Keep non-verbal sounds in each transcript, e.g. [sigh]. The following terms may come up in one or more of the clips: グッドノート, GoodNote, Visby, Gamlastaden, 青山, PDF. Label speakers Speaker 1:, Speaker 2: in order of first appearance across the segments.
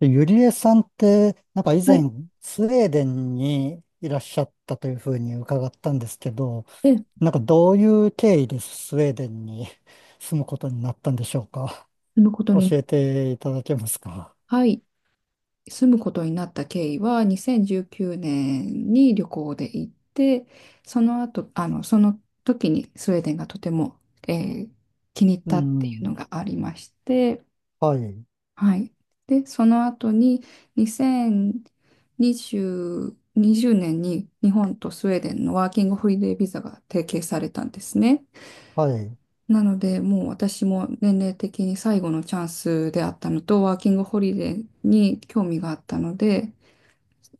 Speaker 1: でゆりえさんって、なんか以
Speaker 2: は
Speaker 1: 前、
Speaker 2: い。
Speaker 1: スウェーデンにいらっしゃったというふうに伺ったんですけど、
Speaker 2: で、
Speaker 1: なんかどういう経緯でスウェーデンに [laughs] 住むことになったんでしょうか。
Speaker 2: 住むこと
Speaker 1: 教
Speaker 2: にな、
Speaker 1: えていただけますか。
Speaker 2: はい。住むことになった経緯は、2019年に旅行で行って、その後、その時にスウェーデンがとても、えー気に入っ
Speaker 1: う
Speaker 2: たっていう
Speaker 1: ん。
Speaker 2: のがありまして、
Speaker 1: はい。
Speaker 2: はい。で、その後に2020、20年に日本とスウェーデンのワーキングホリデービザが提携されたんですね。
Speaker 1: はい。
Speaker 2: なので、もう私も年齢的に最後のチャンスであったのと、ワーキングホリデーに興味があったので、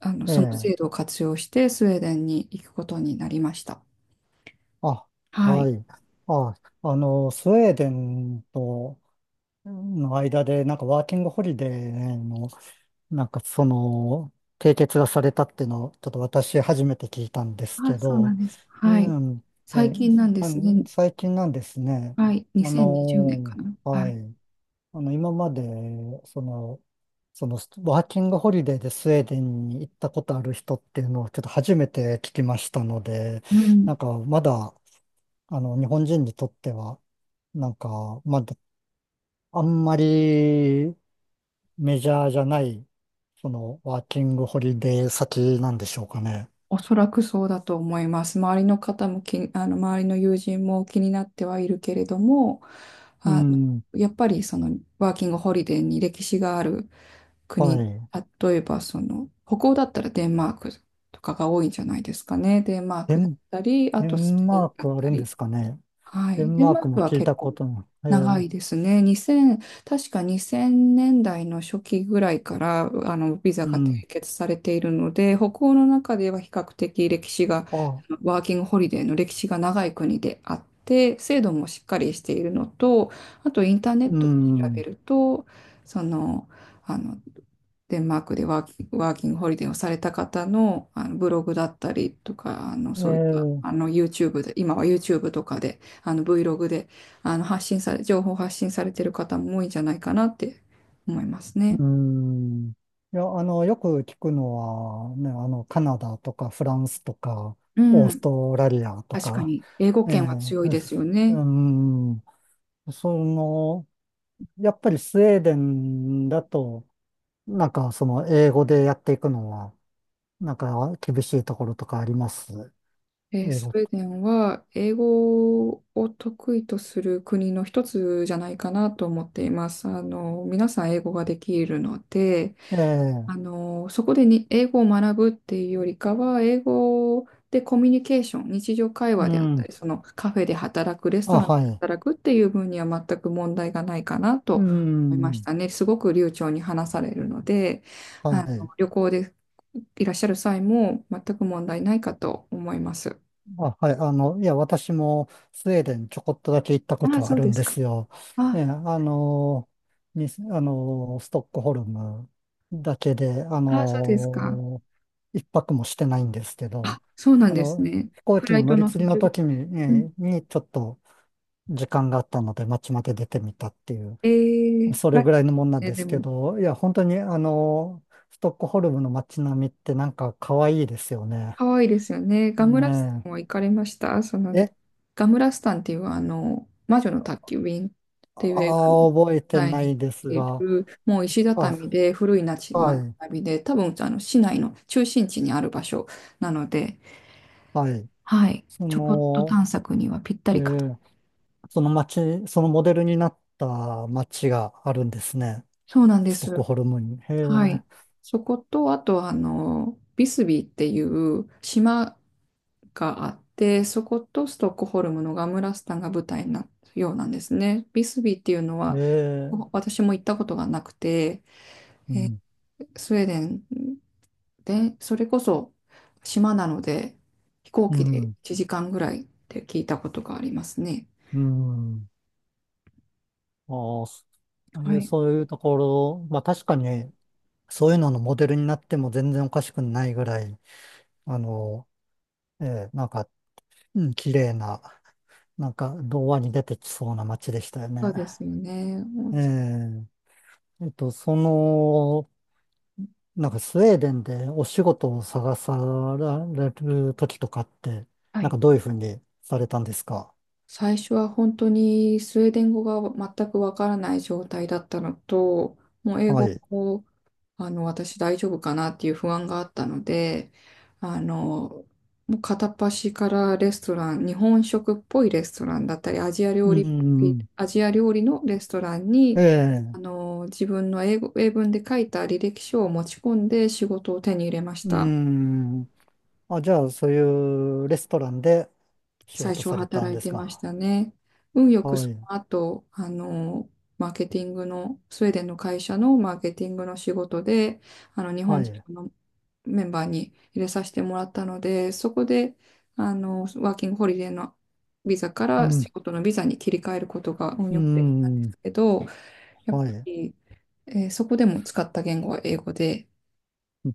Speaker 1: え
Speaker 2: その
Speaker 1: え。
Speaker 2: 制度を活用してスウェーデンに行くことになりました。
Speaker 1: あ、
Speaker 2: は
Speaker 1: は
Speaker 2: い。
Speaker 1: い。あ、スウェーデンとの間で、なんかワーキングホリデーのなんかその、締結がされたっていうのを、ちょっと私初めて聞いたんです
Speaker 2: あ、
Speaker 1: け
Speaker 2: そうなん
Speaker 1: ど、
Speaker 2: です。はい。
Speaker 1: うん、
Speaker 2: 最
Speaker 1: え、
Speaker 2: 近なんで
Speaker 1: あ
Speaker 2: す
Speaker 1: の
Speaker 2: ね。
Speaker 1: 最近なんですね。
Speaker 2: はい。2020年かな。は
Speaker 1: は
Speaker 2: い。
Speaker 1: い。今まで、その、その、ワーキングホリデーでスウェーデンに行ったことある人っていうのをちょっと初めて聞きましたので、
Speaker 2: うん。
Speaker 1: なんかまだ、日本人にとっては、なんか、まだ、あんまりメジャーじゃないその、ワーキングホリデー先なんでしょうかね。
Speaker 2: おそらくそうだと思います。周りの友人も気になってはいるけれども、
Speaker 1: う
Speaker 2: あの、
Speaker 1: ん、
Speaker 2: やっぱりそのワーキングホリデーに歴史がある
Speaker 1: は
Speaker 2: 国、
Speaker 1: い。
Speaker 2: 例えばその、北欧だったらデンマークとかが多いんじゃないですかね。デンマー
Speaker 1: デ
Speaker 2: クだっ
Speaker 1: ン、
Speaker 2: たり、あ
Speaker 1: デ
Speaker 2: とス
Speaker 1: ン
Speaker 2: ペイ
Speaker 1: マ
Speaker 2: ン
Speaker 1: ー
Speaker 2: だっ
Speaker 1: クあ
Speaker 2: た
Speaker 1: るんで
Speaker 2: り。
Speaker 1: すかね。
Speaker 2: は
Speaker 1: デ
Speaker 2: い。
Speaker 1: ン
Speaker 2: デン
Speaker 1: マー
Speaker 2: マ
Speaker 1: ク
Speaker 2: ー
Speaker 1: も
Speaker 2: クは
Speaker 1: 聞い
Speaker 2: 結
Speaker 1: た
Speaker 2: 構
Speaker 1: ことない。
Speaker 2: 長いですね。2000、確か2000年代の初期ぐらいから、ビザ
Speaker 1: う
Speaker 2: が
Speaker 1: ん。
Speaker 2: 締結されているので、北欧の中では比較的歴史が、
Speaker 1: あ、
Speaker 2: ワーキングホリデーの歴史が長い国であって、制度もしっかりしているのと、あとインターネッ
Speaker 1: う
Speaker 2: トで調べ
Speaker 1: ん。
Speaker 2: ると、その、あの、デンマークでワーキングホリデーをされた方の、ブログだったりとか、あの
Speaker 1: え
Speaker 2: そういった
Speaker 1: ー、
Speaker 2: あの YouTube で、今は YouTube とかでVlog であの発信され、情報発信されてる方も多いんじゃないかなって思いますね。
Speaker 1: うん。いや、よく聞くのは、ね、カナダとかフランスとか、
Speaker 2: う
Speaker 1: オース
Speaker 2: ん。
Speaker 1: トラリアと
Speaker 2: 確か
Speaker 1: か、
Speaker 2: に、英語
Speaker 1: え
Speaker 2: 圏は
Speaker 1: ー、
Speaker 2: 強いですよ
Speaker 1: [laughs] う
Speaker 2: ね。
Speaker 1: ん。その、やっぱりスウェーデンだと、なんかその英語でやっていくのは、なんか厳しいところとかあります？英
Speaker 2: ス
Speaker 1: 語。
Speaker 2: ウェーデンは英語を得意とする国の一つじゃないかなと思っています。皆さん英語ができるので、
Speaker 1: ええ、
Speaker 2: そこでに英語を学ぶっていうよりかは、英語でコミュニケーション、日常会
Speaker 1: う
Speaker 2: 話であった
Speaker 1: ん。
Speaker 2: り、そのカフェで働く、レスト
Speaker 1: あ、
Speaker 2: ランで
Speaker 1: はい。
Speaker 2: 働くっていう分には全く問題がないかな
Speaker 1: う
Speaker 2: と思いまし
Speaker 1: ん。
Speaker 2: たね。すごく流暢に話されるので、
Speaker 1: はい。
Speaker 2: 旅行でいらっしゃる際も全く問題ないかと思います。
Speaker 1: あ、はい。いや、私もスウェーデンちょこっとだけ行ったこ
Speaker 2: あ
Speaker 1: と
Speaker 2: あ、
Speaker 1: はあ
Speaker 2: そう
Speaker 1: る
Speaker 2: で
Speaker 1: ん
Speaker 2: す
Speaker 1: で
Speaker 2: か。
Speaker 1: すよ。え
Speaker 2: あ
Speaker 1: え、あの、に、あの、ストックホルムだけで、
Speaker 2: あ、そうですか。
Speaker 1: 一泊もしてないんですけ
Speaker 2: あ、
Speaker 1: ど、
Speaker 2: そうなんですね。
Speaker 1: 飛行
Speaker 2: フ
Speaker 1: 機
Speaker 2: ラ
Speaker 1: の
Speaker 2: イ
Speaker 1: 乗
Speaker 2: ト
Speaker 1: り
Speaker 2: の
Speaker 1: 継
Speaker 2: 途
Speaker 1: ぎの
Speaker 2: 中で。
Speaker 1: 時に、
Speaker 2: うん。
Speaker 1: ちょっと時間があったので、街まで出てみたっていう。それ
Speaker 2: ラッ
Speaker 1: ぐ
Speaker 2: キ
Speaker 1: らいのもんなん
Speaker 2: ーですね
Speaker 1: で
Speaker 2: で
Speaker 1: すけ
Speaker 2: も。
Speaker 1: ど、いや、本当にストックホルムの街並みってなんか可愛いですよね。
Speaker 2: 可愛いですよね。ガムラス
Speaker 1: ね
Speaker 2: タンも行かれましたその、
Speaker 1: え。
Speaker 2: ガムラスタンっていう魔女の宅急便っていう映画の
Speaker 1: ああ、覚えて
Speaker 2: 題に
Speaker 1: な
Speaker 2: なっ
Speaker 1: いです
Speaker 2: てい
Speaker 1: が、
Speaker 2: る、もう石
Speaker 1: あ、
Speaker 2: 畳で古い町
Speaker 1: は
Speaker 2: 並
Speaker 1: い、
Speaker 2: みで、多分あの市内の中心地にある場所なので、
Speaker 1: はい。
Speaker 2: はい、
Speaker 1: そ
Speaker 2: ちょこっと
Speaker 1: の、
Speaker 2: 探索にはぴった
Speaker 1: え
Speaker 2: りかと。
Speaker 1: ーその街、そのモデルになった街があるんですね。
Speaker 2: そうなんで
Speaker 1: ストック
Speaker 2: す。
Speaker 1: ホルムに。へえ、
Speaker 2: はい。そこと、あと、あの、ビスビーっていう島があって、そことストックホルムのガムラスタンが舞台になったようなんですね。ビスビーっていうの
Speaker 1: へ
Speaker 2: は、
Speaker 1: え、
Speaker 2: 私も行ったことがなくて、
Speaker 1: うん、
Speaker 2: スウェーデンで、それこそ島なので、飛行
Speaker 1: う
Speaker 2: 機で
Speaker 1: ん、
Speaker 2: 1時間ぐらいって聞いたことがありますね。
Speaker 1: うん。ああそえ
Speaker 2: は
Speaker 1: ー
Speaker 2: い。
Speaker 1: そういうところ、まあ確かに、そういうののモデルになっても全然おかしくないぐらい、あの、なんか、うん、綺麗な、なんか、童話に出てきそうな街でしたよ
Speaker 2: そう
Speaker 1: ね。
Speaker 2: ですよね。おう
Speaker 1: え
Speaker 2: ち
Speaker 1: え、その、なんか、スウェーデンでお仕事を探される時とかって、
Speaker 2: は
Speaker 1: なん
Speaker 2: い。
Speaker 1: か、どういうふうにされたんですか？
Speaker 2: 最初は本当にスウェーデン語が全くわからない状態だったのと、もう英
Speaker 1: は
Speaker 2: 語
Speaker 1: い。
Speaker 2: も私大丈夫かなっていう不安があったので、あの、もう片っ端からレストラン、日本食っぽいレストランだったり、アジア料
Speaker 1: う
Speaker 2: 理っぽい、
Speaker 1: ん、
Speaker 2: アジア料理のレストランに、
Speaker 1: ええ、
Speaker 2: 自分の英文で書いた履歴書を持ち込んで仕事を手に入れまし
Speaker 1: う
Speaker 2: た。
Speaker 1: ん。あ、じゃあ、そういうレストランで仕
Speaker 2: 最
Speaker 1: 事
Speaker 2: 初
Speaker 1: さ
Speaker 2: は
Speaker 1: れたん
Speaker 2: 働い
Speaker 1: です
Speaker 2: てまし
Speaker 1: か？
Speaker 2: たね。運よく
Speaker 1: は
Speaker 2: そ
Speaker 1: い。
Speaker 2: の後、マーケティングの、スウェーデンの会社のマーケティングの仕事で、日本
Speaker 1: は
Speaker 2: 人
Speaker 1: い。
Speaker 2: のメンバーに入れさせてもらったので、そこで、ワーキングホリデーのビザか
Speaker 1: う
Speaker 2: ら
Speaker 1: ん。
Speaker 2: 仕事のビザに切り替えることが運
Speaker 1: うー
Speaker 2: よくできたんです
Speaker 1: ん、
Speaker 2: けど、やっ
Speaker 1: は
Speaker 2: ぱ
Speaker 1: い、
Speaker 2: り、そこでも使った言語は英語で、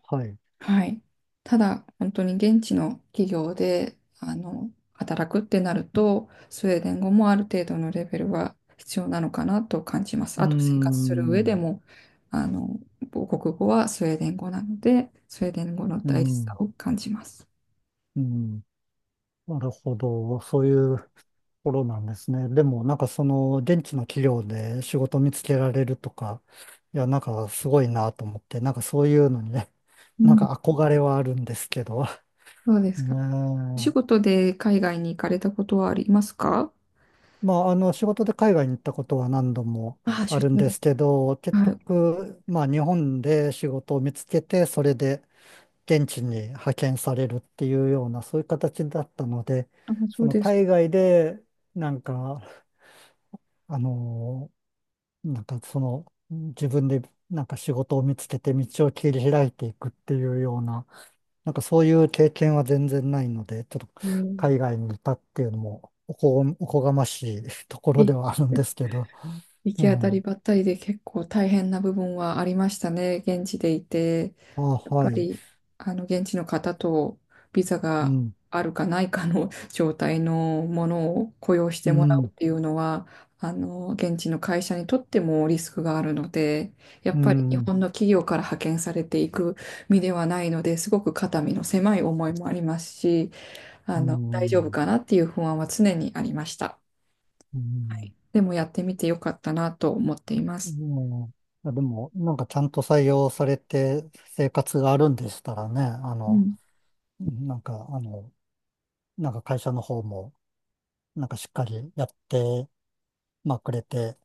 Speaker 1: はい。う
Speaker 2: はい。ただ、本当に現地の企業で、働くってなると、スウェーデン語もある程度のレベルは必要なのかなと感じます。
Speaker 1: ー
Speaker 2: あと、生活する上で
Speaker 1: ん、
Speaker 2: も、あの、母国語はスウェーデン語なので、スウェーデン語の
Speaker 1: う
Speaker 2: 大事さ
Speaker 1: ん、
Speaker 2: を感じます。
Speaker 1: うん。なるほど。そういうところなんですね。でも、なんかその、現地の企業で仕事見つけられるとか、いや、なんかすごいなと思って、なんかそういうのにね、[laughs]
Speaker 2: う
Speaker 1: なん
Speaker 2: ん。
Speaker 1: か憧れはあるんですけど。
Speaker 2: そうで
Speaker 1: [laughs]
Speaker 2: す
Speaker 1: ね
Speaker 2: か。お仕
Speaker 1: え。
Speaker 2: 事で海外に行かれたことはありますか？
Speaker 1: まあ、仕事で海外に行ったことは何度も
Speaker 2: ああ、
Speaker 1: あ
Speaker 2: 出
Speaker 1: るん
Speaker 2: 張
Speaker 1: で
Speaker 2: で。
Speaker 1: すけど、結
Speaker 2: はい。
Speaker 1: 局、まあ、日本で仕事を見つけて、それで、現地に派遣されるっていうような、そういう形だったので、
Speaker 2: あ、そ
Speaker 1: そ
Speaker 2: う
Speaker 1: の
Speaker 2: ですか。
Speaker 1: 海外で、なんか、あのなんかその、自分でなんか仕事を見つけて道を切り開いていくっていうような、なんかそういう経験は全然ないので、ちょっと
Speaker 2: えー
Speaker 1: 海外にいたっていうのもおこがましいところで
Speaker 2: え
Speaker 1: はあるんですけど、
Speaker 2: 行
Speaker 1: う
Speaker 2: き当たり
Speaker 1: ん、
Speaker 2: ばったりで結構大変な部分はありましたね。現地でいて、
Speaker 1: あ、
Speaker 2: やっ
Speaker 1: は
Speaker 2: ぱ
Speaker 1: い、
Speaker 2: り、現地の方とビザ
Speaker 1: う
Speaker 2: が
Speaker 1: ん、
Speaker 2: あるかないかの [laughs] 状態のものを雇用し
Speaker 1: う
Speaker 2: てもらうっ
Speaker 1: ん、
Speaker 2: ていうのは、現地の会社にとってもリスクがあるので、やっ
Speaker 1: う
Speaker 2: ぱり日
Speaker 1: ん、
Speaker 2: 本の企業から派遣されていく身ではないので、すごく肩身の狭い思いもありますし、
Speaker 1: う
Speaker 2: 大丈夫
Speaker 1: ん、
Speaker 2: かなっていう不安は常にありました。
Speaker 1: うん。
Speaker 2: でもやってみてよかったなと思っていま
Speaker 1: う
Speaker 2: す。
Speaker 1: ん、いやでも、なんかちゃんと採用されて生活があるんでしたらね、
Speaker 2: うん。
Speaker 1: なんか、なんか会社の方も、なんかしっかりやって、まあ、くれて、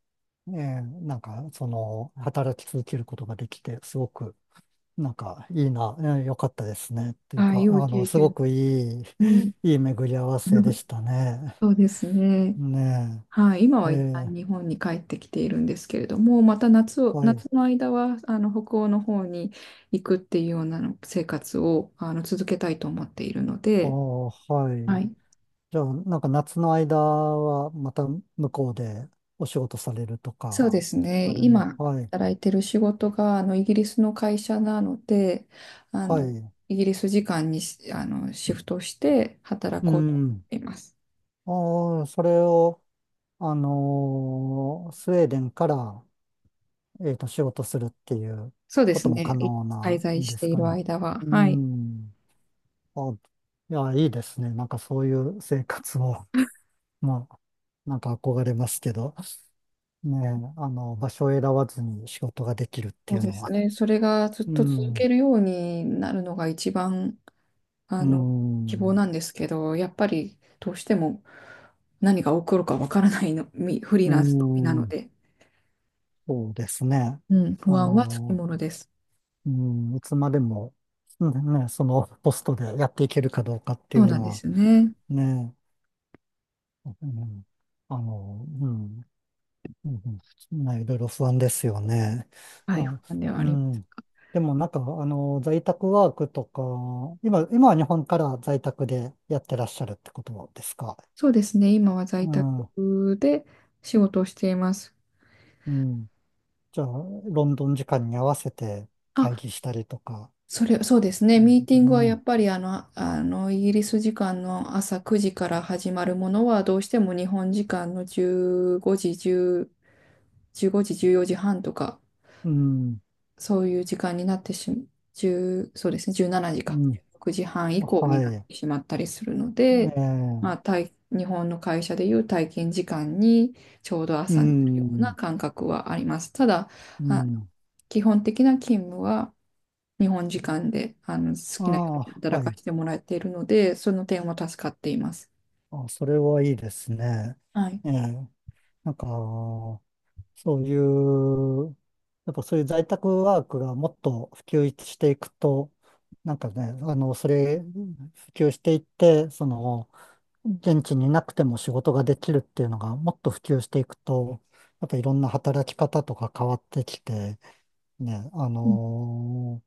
Speaker 1: なんか、その、働き続けることができて、すごく、なんか、いいな、よかったですね。っていう
Speaker 2: はい、
Speaker 1: か、
Speaker 2: 良い経
Speaker 1: すご
Speaker 2: 験。
Speaker 1: くいい、
Speaker 2: うん、
Speaker 1: [laughs] いい巡り合わせで
Speaker 2: [laughs]
Speaker 1: したね。
Speaker 2: そうですね。
Speaker 1: ね
Speaker 2: はい、今
Speaker 1: え、
Speaker 2: は一旦
Speaker 1: ー
Speaker 2: 日本に帰ってきているんですけれども、また
Speaker 1: はい、
Speaker 2: 夏の間は北欧の方に行くっていうようなの生活を続けたいと思っているの
Speaker 1: あ
Speaker 2: で、
Speaker 1: ー、は
Speaker 2: は
Speaker 1: い。
Speaker 2: い、
Speaker 1: じゃあ、なんか夏の間はまた向こうでお仕事されると
Speaker 2: そ
Speaker 1: か、
Speaker 2: うですね。
Speaker 1: あるね。
Speaker 2: 今
Speaker 1: はい。
Speaker 2: 働いてる仕事がイギリスの会社なので、あ
Speaker 1: は
Speaker 2: の
Speaker 1: い。
Speaker 2: イギリス時間にしあのシフトして働
Speaker 1: う
Speaker 2: こうと思っ
Speaker 1: ん。
Speaker 2: ています。
Speaker 1: ああ、それを、スウェーデンから、えっと、仕事するっていう
Speaker 2: そうで
Speaker 1: こ
Speaker 2: す
Speaker 1: とも可
Speaker 2: ね。
Speaker 1: 能
Speaker 2: 滞
Speaker 1: な
Speaker 2: 在
Speaker 1: ん
Speaker 2: し
Speaker 1: で
Speaker 2: て
Speaker 1: す
Speaker 2: い
Speaker 1: か
Speaker 2: る
Speaker 1: ね。
Speaker 2: 間は。
Speaker 1: う
Speaker 2: はい。
Speaker 1: ん。あ、いや、いいですね。なんかそういう生活を、[laughs] まあ、なんか憧れますけど、ねえ、場所を選ばずに仕事ができるって
Speaker 2: そ
Speaker 1: い
Speaker 2: う
Speaker 1: う
Speaker 2: で
Speaker 1: の
Speaker 2: す
Speaker 1: は。
Speaker 2: ね。それがずっ
Speaker 1: う
Speaker 2: と続
Speaker 1: ん。
Speaker 2: けるようになるのが一番、あ
Speaker 1: う
Speaker 2: の、希望
Speaker 1: ん。
Speaker 2: なんですけど、やっぱりどうしても何が起こるかわからないフリー
Speaker 1: うー
Speaker 2: ランスの身なの
Speaker 1: ん、
Speaker 2: で、
Speaker 1: そうですね。
Speaker 2: うん、不
Speaker 1: あ
Speaker 2: 安はつき
Speaker 1: の、
Speaker 2: ものです。
Speaker 1: うん、いつまでも、うん、ね、そのポストでやっていけるかどうかって
Speaker 2: そ
Speaker 1: い
Speaker 2: う
Speaker 1: う
Speaker 2: なん
Speaker 1: の
Speaker 2: で
Speaker 1: は、
Speaker 2: すよね。
Speaker 1: ね、うん、うん、うん、ね、いろいろ不安ですよね。
Speaker 2: はい、
Speaker 1: ま
Speaker 2: 不
Speaker 1: あ、
Speaker 2: 安ではあ
Speaker 1: う
Speaker 2: ります。
Speaker 1: ん。でもなんか、在宅ワークとか、今は日本から在宅でやってらっしゃるってことですか？
Speaker 2: そうですね。今は
Speaker 1: う
Speaker 2: 在
Speaker 1: ん、う
Speaker 2: 宅で仕事をしています。
Speaker 1: ん。じゃあ、ロンドン時間に合わせて
Speaker 2: あ、
Speaker 1: 会議したりとか、
Speaker 2: それ、そうですね。
Speaker 1: う
Speaker 2: ミーテ
Speaker 1: ん、
Speaker 2: ィングはや
Speaker 1: ね、
Speaker 2: っぱりイギリス時間の朝9時から始まるものは、どうしても日本時間の15時、10、15時、14時半とか、
Speaker 1: うん、
Speaker 2: そういう時間になって10、そうですね、17時
Speaker 1: う
Speaker 2: か、
Speaker 1: ん、
Speaker 2: 6時半以降に
Speaker 1: は
Speaker 2: なっ
Speaker 1: い、
Speaker 2: てしまったりするの
Speaker 1: え
Speaker 2: で、まあ、
Speaker 1: え、
Speaker 2: 日本の会社でいう体験時間にちょうど
Speaker 1: う
Speaker 2: 朝になるような
Speaker 1: ん、
Speaker 2: 感覚はあります。ただ、
Speaker 1: う
Speaker 2: あの
Speaker 1: ん、
Speaker 2: 基本的な勤務は、日本時間であの好
Speaker 1: あ
Speaker 2: きなように
Speaker 1: あ、
Speaker 2: 働
Speaker 1: は
Speaker 2: か
Speaker 1: い、
Speaker 2: せてもらっているので、その点は助かっています。
Speaker 1: あ、それはいいですね。
Speaker 2: はい。
Speaker 1: ええ、なんか、そういう、やっぱそういう在宅ワークがもっと普及していくと、なんかね、それ、普及していって、その、現地にいなくても仕事ができるっていうのがもっと普及していくと、やっぱいろんな働き方とか変わってきて、ね、
Speaker 2: うん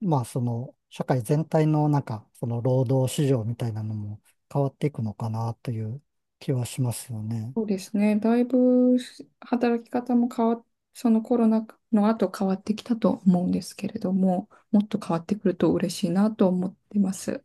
Speaker 1: まあ、その、社会全体のなんか、その労働市場みたいなのも変わっていくのかなという気はしますよね。
Speaker 2: そうですね。だいぶ働き方も変わ、そのコロナの後変わってきたと思うんですけれども、もっと変わってくると嬉しいなと思ってます。